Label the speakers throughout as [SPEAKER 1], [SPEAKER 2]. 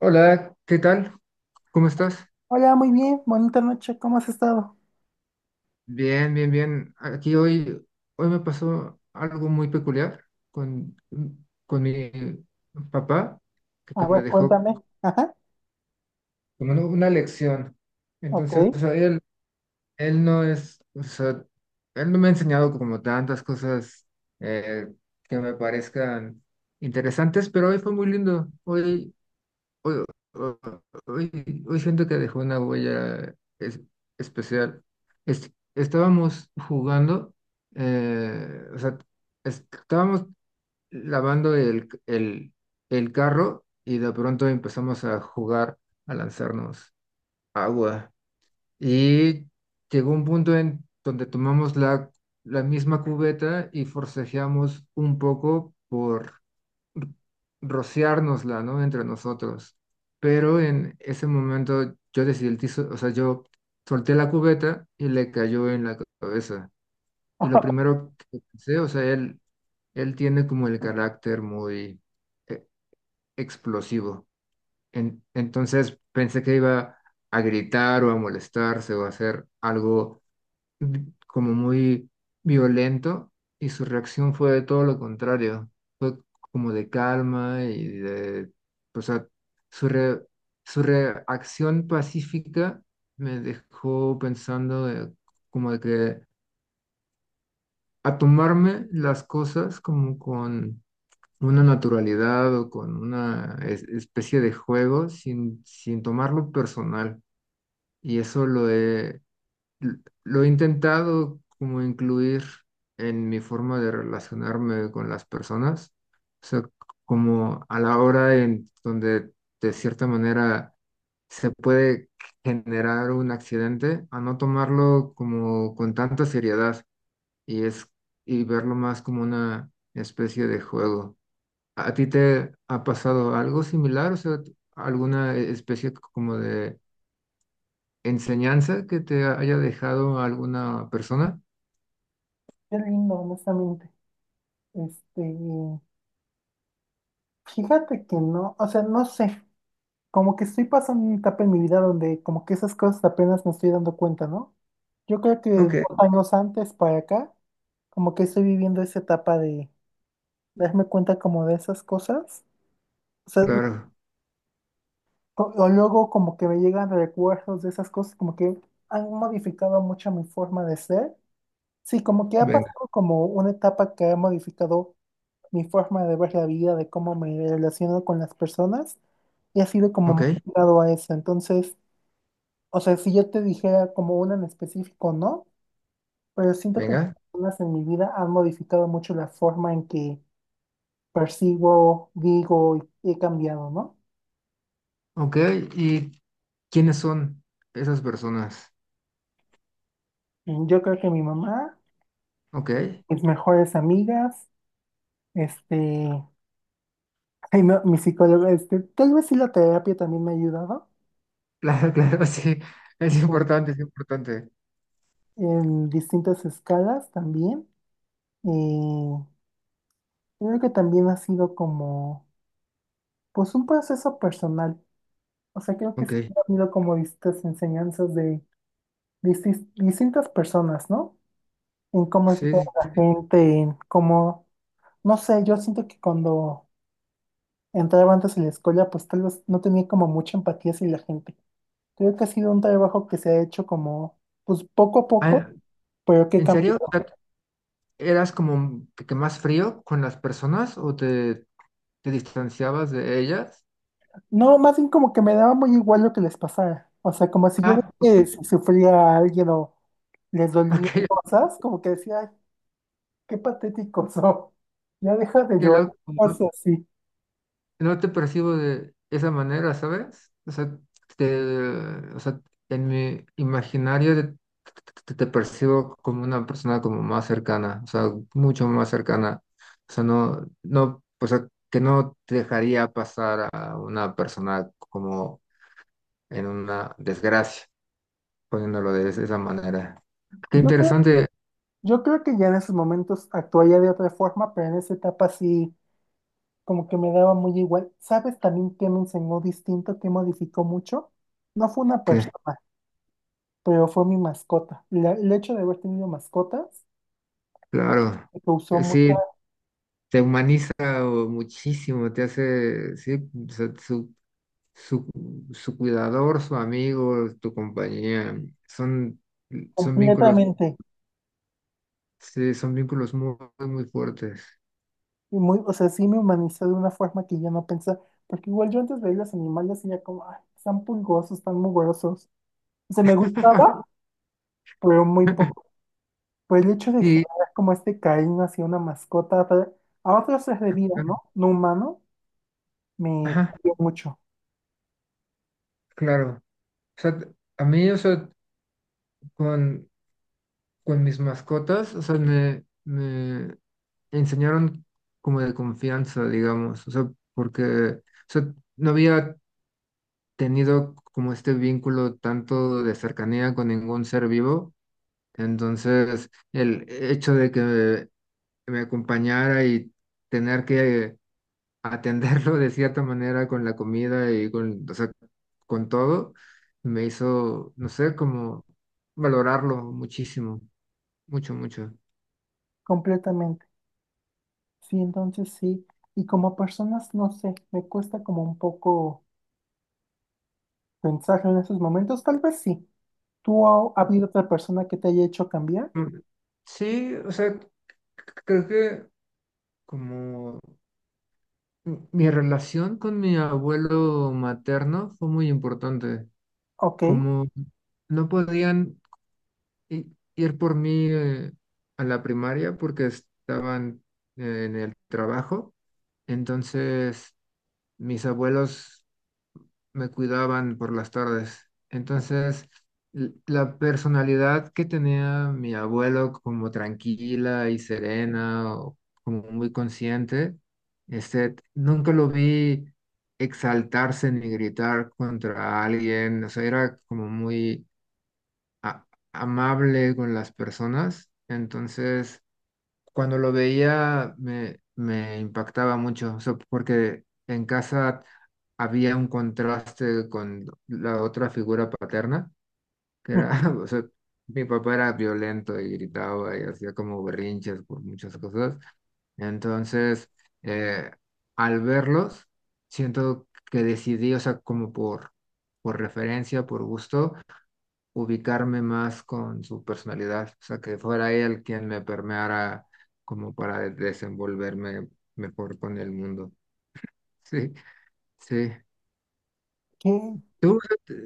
[SPEAKER 1] Hola, ¿qué tal? ¿Cómo estás?
[SPEAKER 2] Hola, muy bien, bonita noche, ¿cómo has estado?
[SPEAKER 1] Bien, bien, bien. Aquí hoy, hoy me pasó algo muy peculiar con, con mi papá,
[SPEAKER 2] A
[SPEAKER 1] que me
[SPEAKER 2] ver,
[SPEAKER 1] dejó
[SPEAKER 2] cuéntame. Ajá,
[SPEAKER 1] como una lección.
[SPEAKER 2] ok.
[SPEAKER 1] Entonces, o sea, él no es, o sea, él no me ha enseñado como tantas cosas eh, que me parezcan interesantes, pero hoy fue muy lindo. Hoy, hoy- Siento que dejó una huella especial. Estábamos jugando, o sea, estábamos lavando el carro y de pronto empezamos a jugar, a lanzarnos agua. Y llegó un punto en donde tomamos la misma cubeta y forcejeamos un poco por r- rociárnosla, ¿no? Entre nosotros. Pero en ese momento o sea, yo solté la cubeta y le cayó en la cabeza. Y lo primero que pensé, o sea, él tiene como el carácter muy eh, explosivo. Entonces pensé que iba a gritar o a molestarse o a hacer algo como muy violento y su reacción fue de todo lo contrario, fue como de calma y de, o sea, su, re- su reacción pacífica me dejó pensando como de que a tomarme las cosas como con una naturalidad o con una especie de juego sin tomarlo personal. Y eso lo he L- lo he intentado como incluir en mi forma de relacionarme con las personas, o sea, como a la hora en donde de cierta manera se puede generar un accidente, a no tomarlo como con tanta seriedad y es y verlo más como una especie de juego. ¿A ti te ha pasado algo similar? O sea, ¿alguna especie como de enseñanza que te haya dejado alguna persona?
[SPEAKER 2] Qué lindo, honestamente. Este, fíjate que no, o sea, no sé, como que estoy pasando una etapa en mi vida donde como que esas cosas apenas me estoy dando cuenta, ¿no? Yo creo que
[SPEAKER 1] Ok,
[SPEAKER 2] 2 años antes para acá, como que estoy viviendo esa etapa de darme cuenta como de esas cosas. O sea,
[SPEAKER 1] claro.
[SPEAKER 2] o luego como que me llegan recuerdos de esas cosas, como que han modificado mucho mi forma de ser. Sí, como que ha
[SPEAKER 1] Venga,
[SPEAKER 2] pasado como una etapa que ha modificado mi forma de ver la vida, de cómo me relaciono con las personas, y ha sido como
[SPEAKER 1] ok,
[SPEAKER 2] muy ligado a eso. Entonces, o sea, si yo te dijera como una en específico, no, pero siento que las
[SPEAKER 1] venga.
[SPEAKER 2] personas en mi vida han modificado mucho la forma en que percibo, digo y he cambiado, ¿no?
[SPEAKER 1] Ok, ¿y quiénes son esas personas?
[SPEAKER 2] Mm, yo creo que mi mamá,
[SPEAKER 1] Ok,
[SPEAKER 2] mis mejores amigas, este, ay, no, mi psicóloga, tal vez sí la terapia también me ha ayudado.
[SPEAKER 1] claro, claro, sí. Es importante, es importante.
[SPEAKER 2] En distintas escalas también. Eh, Creo que también ha sido como, pues un proceso personal. O sea, creo que sí
[SPEAKER 1] Ok,
[SPEAKER 2] ha habido como distintas enseñanzas de distintas personas, ¿no? En cómo es toda
[SPEAKER 1] sí, sí,
[SPEAKER 2] la
[SPEAKER 1] sí.
[SPEAKER 2] gente, en cómo, no sé, yo siento que cuando entraba antes en la escuela, pues tal vez no tenía como mucha empatía hacia la gente. Creo que ha sido un trabajo que se ha hecho como, pues poco a poco,
[SPEAKER 1] Ah,
[SPEAKER 2] pero que
[SPEAKER 1] ¿en
[SPEAKER 2] cambia.
[SPEAKER 1] serio? O sea, ¿eras como que más frío con las personas o te distanciabas de ellas?
[SPEAKER 2] No, más bien como que me daba muy igual lo que les pasara. O sea, como si yo
[SPEAKER 1] Ah,
[SPEAKER 2] veía que
[SPEAKER 1] ok,
[SPEAKER 2] si sufría a alguien o les dolía
[SPEAKER 1] ok,
[SPEAKER 2] cosas, como que decía, ay, qué patético son. Ya deja de
[SPEAKER 1] qué
[SPEAKER 2] llorar,
[SPEAKER 1] loco.
[SPEAKER 2] o sea, sí.
[SPEAKER 1] No te percibo de esa manera, ¿sabes? O sea, te, o sea, en mi imaginario, te, te percibo como una persona como más cercana, o sea, mucho más cercana. O sea, no, no, o sea, que no te dejaría pasar a una persona como en una desgracia, poniéndolo de esa manera. Qué
[SPEAKER 2] Yo creo,
[SPEAKER 1] interesante
[SPEAKER 2] yo creo que ya en esos momentos actuaría de otra forma, pero en esa etapa sí, como que me daba muy igual. ¿Sabes también qué me enseñó distinto, qué modificó mucho? No fue una
[SPEAKER 1] que,
[SPEAKER 2] persona, pero fue mi mascota. El hecho de haber tenido mascotas
[SPEAKER 1] claro,
[SPEAKER 2] me causó mucha,
[SPEAKER 1] sí, te humaniza o muchísimo, te hace, sí, o sea, su, su cuidador, su amigo, tu compañía. Son, son vínculos,
[SPEAKER 2] completamente.
[SPEAKER 1] sí, son vínculos muy, muy fuertes.
[SPEAKER 2] Y muy, o sea, sí me humaniza de una forma que yo no pensaba, porque igual yo antes veía los animales y ya como, ay, están pulgosos, están mugrosos. O sea, me gustaba, pero muy poco. Por el hecho de
[SPEAKER 1] Y,
[SPEAKER 2] generar como este cariño hacia una mascota, a a otros seres de vida, ¿no? No humano, me
[SPEAKER 1] ajá,
[SPEAKER 2] cambió mucho,
[SPEAKER 1] claro. O sea, a mí, o sea, con, con mis mascotas, o sea, me enseñaron como de confianza, digamos, o sea, porque, o sea, no había tenido como este vínculo tanto de cercanía con ningún ser vivo, entonces el hecho de que me acompañara y tener que atenderlo de cierta manera con la comida y con, o sea, con todo, me hizo, no sé, como valorarlo muchísimo, mucho, mucho.
[SPEAKER 2] completamente. Sí, entonces sí. Y como personas, no sé, me cuesta como un poco pensar en esos momentos, tal vez sí. ¿Tú ha habido otra persona que te haya hecho cambiar?
[SPEAKER 1] Mm, sí, o sea, creo que como mi relación con mi abuelo materno fue muy importante,
[SPEAKER 2] Ok.
[SPEAKER 1] como no podían i- ir por mí a la primaria porque estaban en el trabajo. Entonces, mis abuelos me cuidaban por las tardes. Entonces, la personalidad que tenía mi abuelo como tranquila y serena o como muy consciente, este, nunca lo vi exaltarse ni gritar contra alguien. O sea, era como muy a- amable con las personas. Entonces, cuando lo veía, me impactaba mucho, o sea, porque en casa había un contraste con la otra figura paterna, que era,
[SPEAKER 2] Ujú.
[SPEAKER 1] o sea, mi papá era violento y gritaba y hacía como berrinches por muchas cosas. Entonces, eh, al verlos, siento que decidí, o sea, como por referencia, por gusto ubicarme más con su personalidad, o sea, que fuera él quien me permeara como para desenvolverme mejor con el mundo. Sí, sí.
[SPEAKER 2] ¿Qué?
[SPEAKER 1] Tú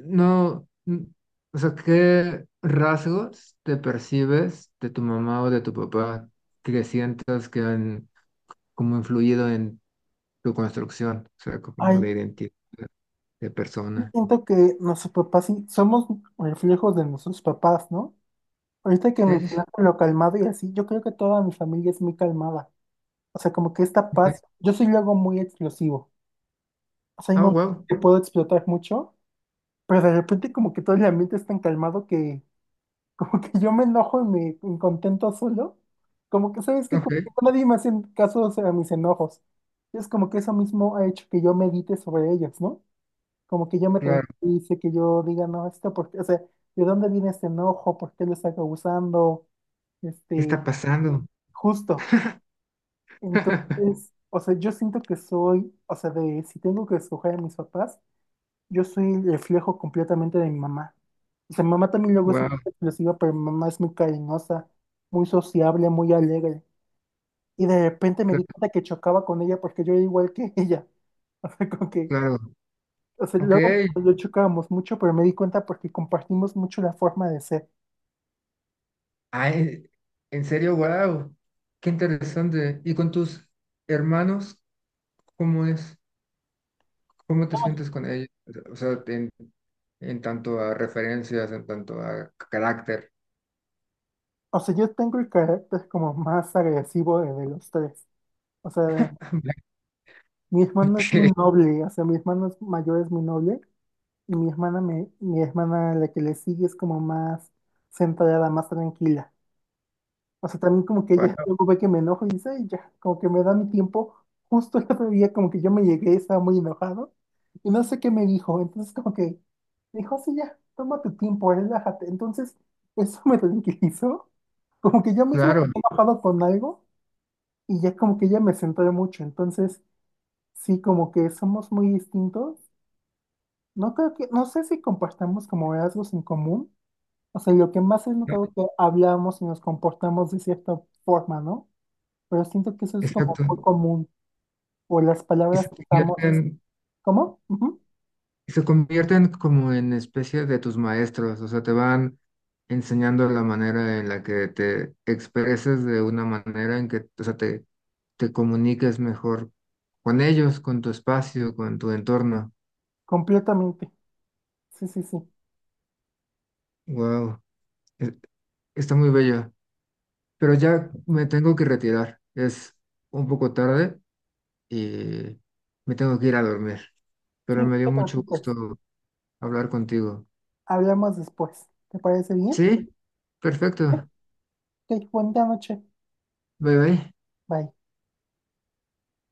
[SPEAKER 1] no, o sea, ¿qué rasgos te percibes de tu mamá o de tu papá que sientas que han como influido en tu construcción, o sea, como
[SPEAKER 2] Ay,
[SPEAKER 1] de identidad de persona?
[SPEAKER 2] siento que nuestros papás sí somos reflejos de nuestros papás, ¿no? Ahorita que
[SPEAKER 1] Sí, sí, sí.
[SPEAKER 2] mencionaste lo calmado y así, yo creo que toda mi familia es muy calmada. O sea, como que esta
[SPEAKER 1] Ok.
[SPEAKER 2] paz, yo soy luego muy explosivo. O sea, hay
[SPEAKER 1] Oh,
[SPEAKER 2] momentos
[SPEAKER 1] wow.
[SPEAKER 2] que puedo explotar mucho, pero de repente como que todo el ambiente es tan calmado que como que yo me enojo y me incontento solo. Como que, ¿sabes qué?
[SPEAKER 1] Ok,
[SPEAKER 2] Como que nadie me hace caso o sea, a mis enojos. Es como que eso mismo ha hecho que yo medite sobre ellos, ¿no? Como que yo me
[SPEAKER 1] claro.
[SPEAKER 2] tranquilice, que yo diga, no, esto porque, o sea, ¿de dónde viene este enojo? ¿Por qué lo está causando?
[SPEAKER 1] ¿Qué
[SPEAKER 2] Este,
[SPEAKER 1] está pasando?
[SPEAKER 2] justo. Entonces, o sea, yo siento que soy, o sea, de si tengo que escoger a mis papás, yo soy el reflejo completamente de mi mamá. O sea, mi mamá también luego es muy
[SPEAKER 1] Wow.
[SPEAKER 2] explosiva, pero mi mamá es muy cariñosa, muy sociable, muy alegre. Y de repente me di cuenta que chocaba con ella porque yo era igual que ella. O sea, como que
[SPEAKER 1] Claro,
[SPEAKER 2] O sea,
[SPEAKER 1] ok.
[SPEAKER 2] luego yo chocábamos mucho, pero me di cuenta porque compartimos mucho la forma de ser.
[SPEAKER 1] Ay, en serio, wow. Qué interesante. ¿Y con tus hermanos, cómo es? ¿Cómo te sientes con ellos? O sea, en tanto a referencias, en tanto a carácter.
[SPEAKER 2] O sea, yo tengo el carácter como más agresivo de los tres. O sea, mi hermano es muy
[SPEAKER 1] Ok,
[SPEAKER 2] noble, o sea, mi hermano es mayor es muy noble, y mi hermana, mi hermana la que le sigue es como más centrada, más tranquila. O sea, también como que ya
[SPEAKER 1] guau,
[SPEAKER 2] luego ve que me enojo y dice, "Ay, ya, como que me da mi tiempo. Justo el otro día como que yo me llegué, estaba muy enojado y no sé qué me dijo. Entonces como que me dijo, sí, ya, toma tu tiempo, relájate. Entonces eso me tranquilizó. Como que yo mismo
[SPEAKER 1] claro,
[SPEAKER 2] me he enojado con algo y ya como que ella me centré mucho. Entonces sí, como que somos muy distintos. No creo que, no sé si compartamos como rasgos en común. O sea, lo que más he notado es que hablamos y nos comportamos de cierta forma, ¿no? Pero siento que eso es como
[SPEAKER 1] exacto.
[SPEAKER 2] muy común, o las
[SPEAKER 1] Y se
[SPEAKER 2] palabras que usamos,
[SPEAKER 1] convierten,
[SPEAKER 2] ¿cómo? Ujú,
[SPEAKER 1] se convierten como en especie de tus maestros, o sea, te van enseñando la manera en la que te expreses de una manera en que, o sea, te comuniques mejor con ellos, con tu espacio, con tu entorno.
[SPEAKER 2] completamente. Sí, sí, sí.
[SPEAKER 1] Wow, está muy bello. Pero ya me tengo que retirar. Es un poco tarde y me tengo que ir a dormir.
[SPEAKER 2] Sí,
[SPEAKER 1] Pero
[SPEAKER 2] no
[SPEAKER 1] me dio
[SPEAKER 2] te
[SPEAKER 1] mucho
[SPEAKER 2] preocupes.
[SPEAKER 1] gusto hablar contigo.
[SPEAKER 2] Hablamos después. ¿Te parece bien?
[SPEAKER 1] Sí, perfecto.
[SPEAKER 2] Ok, buena noche.
[SPEAKER 1] Bye bye.
[SPEAKER 2] Bye.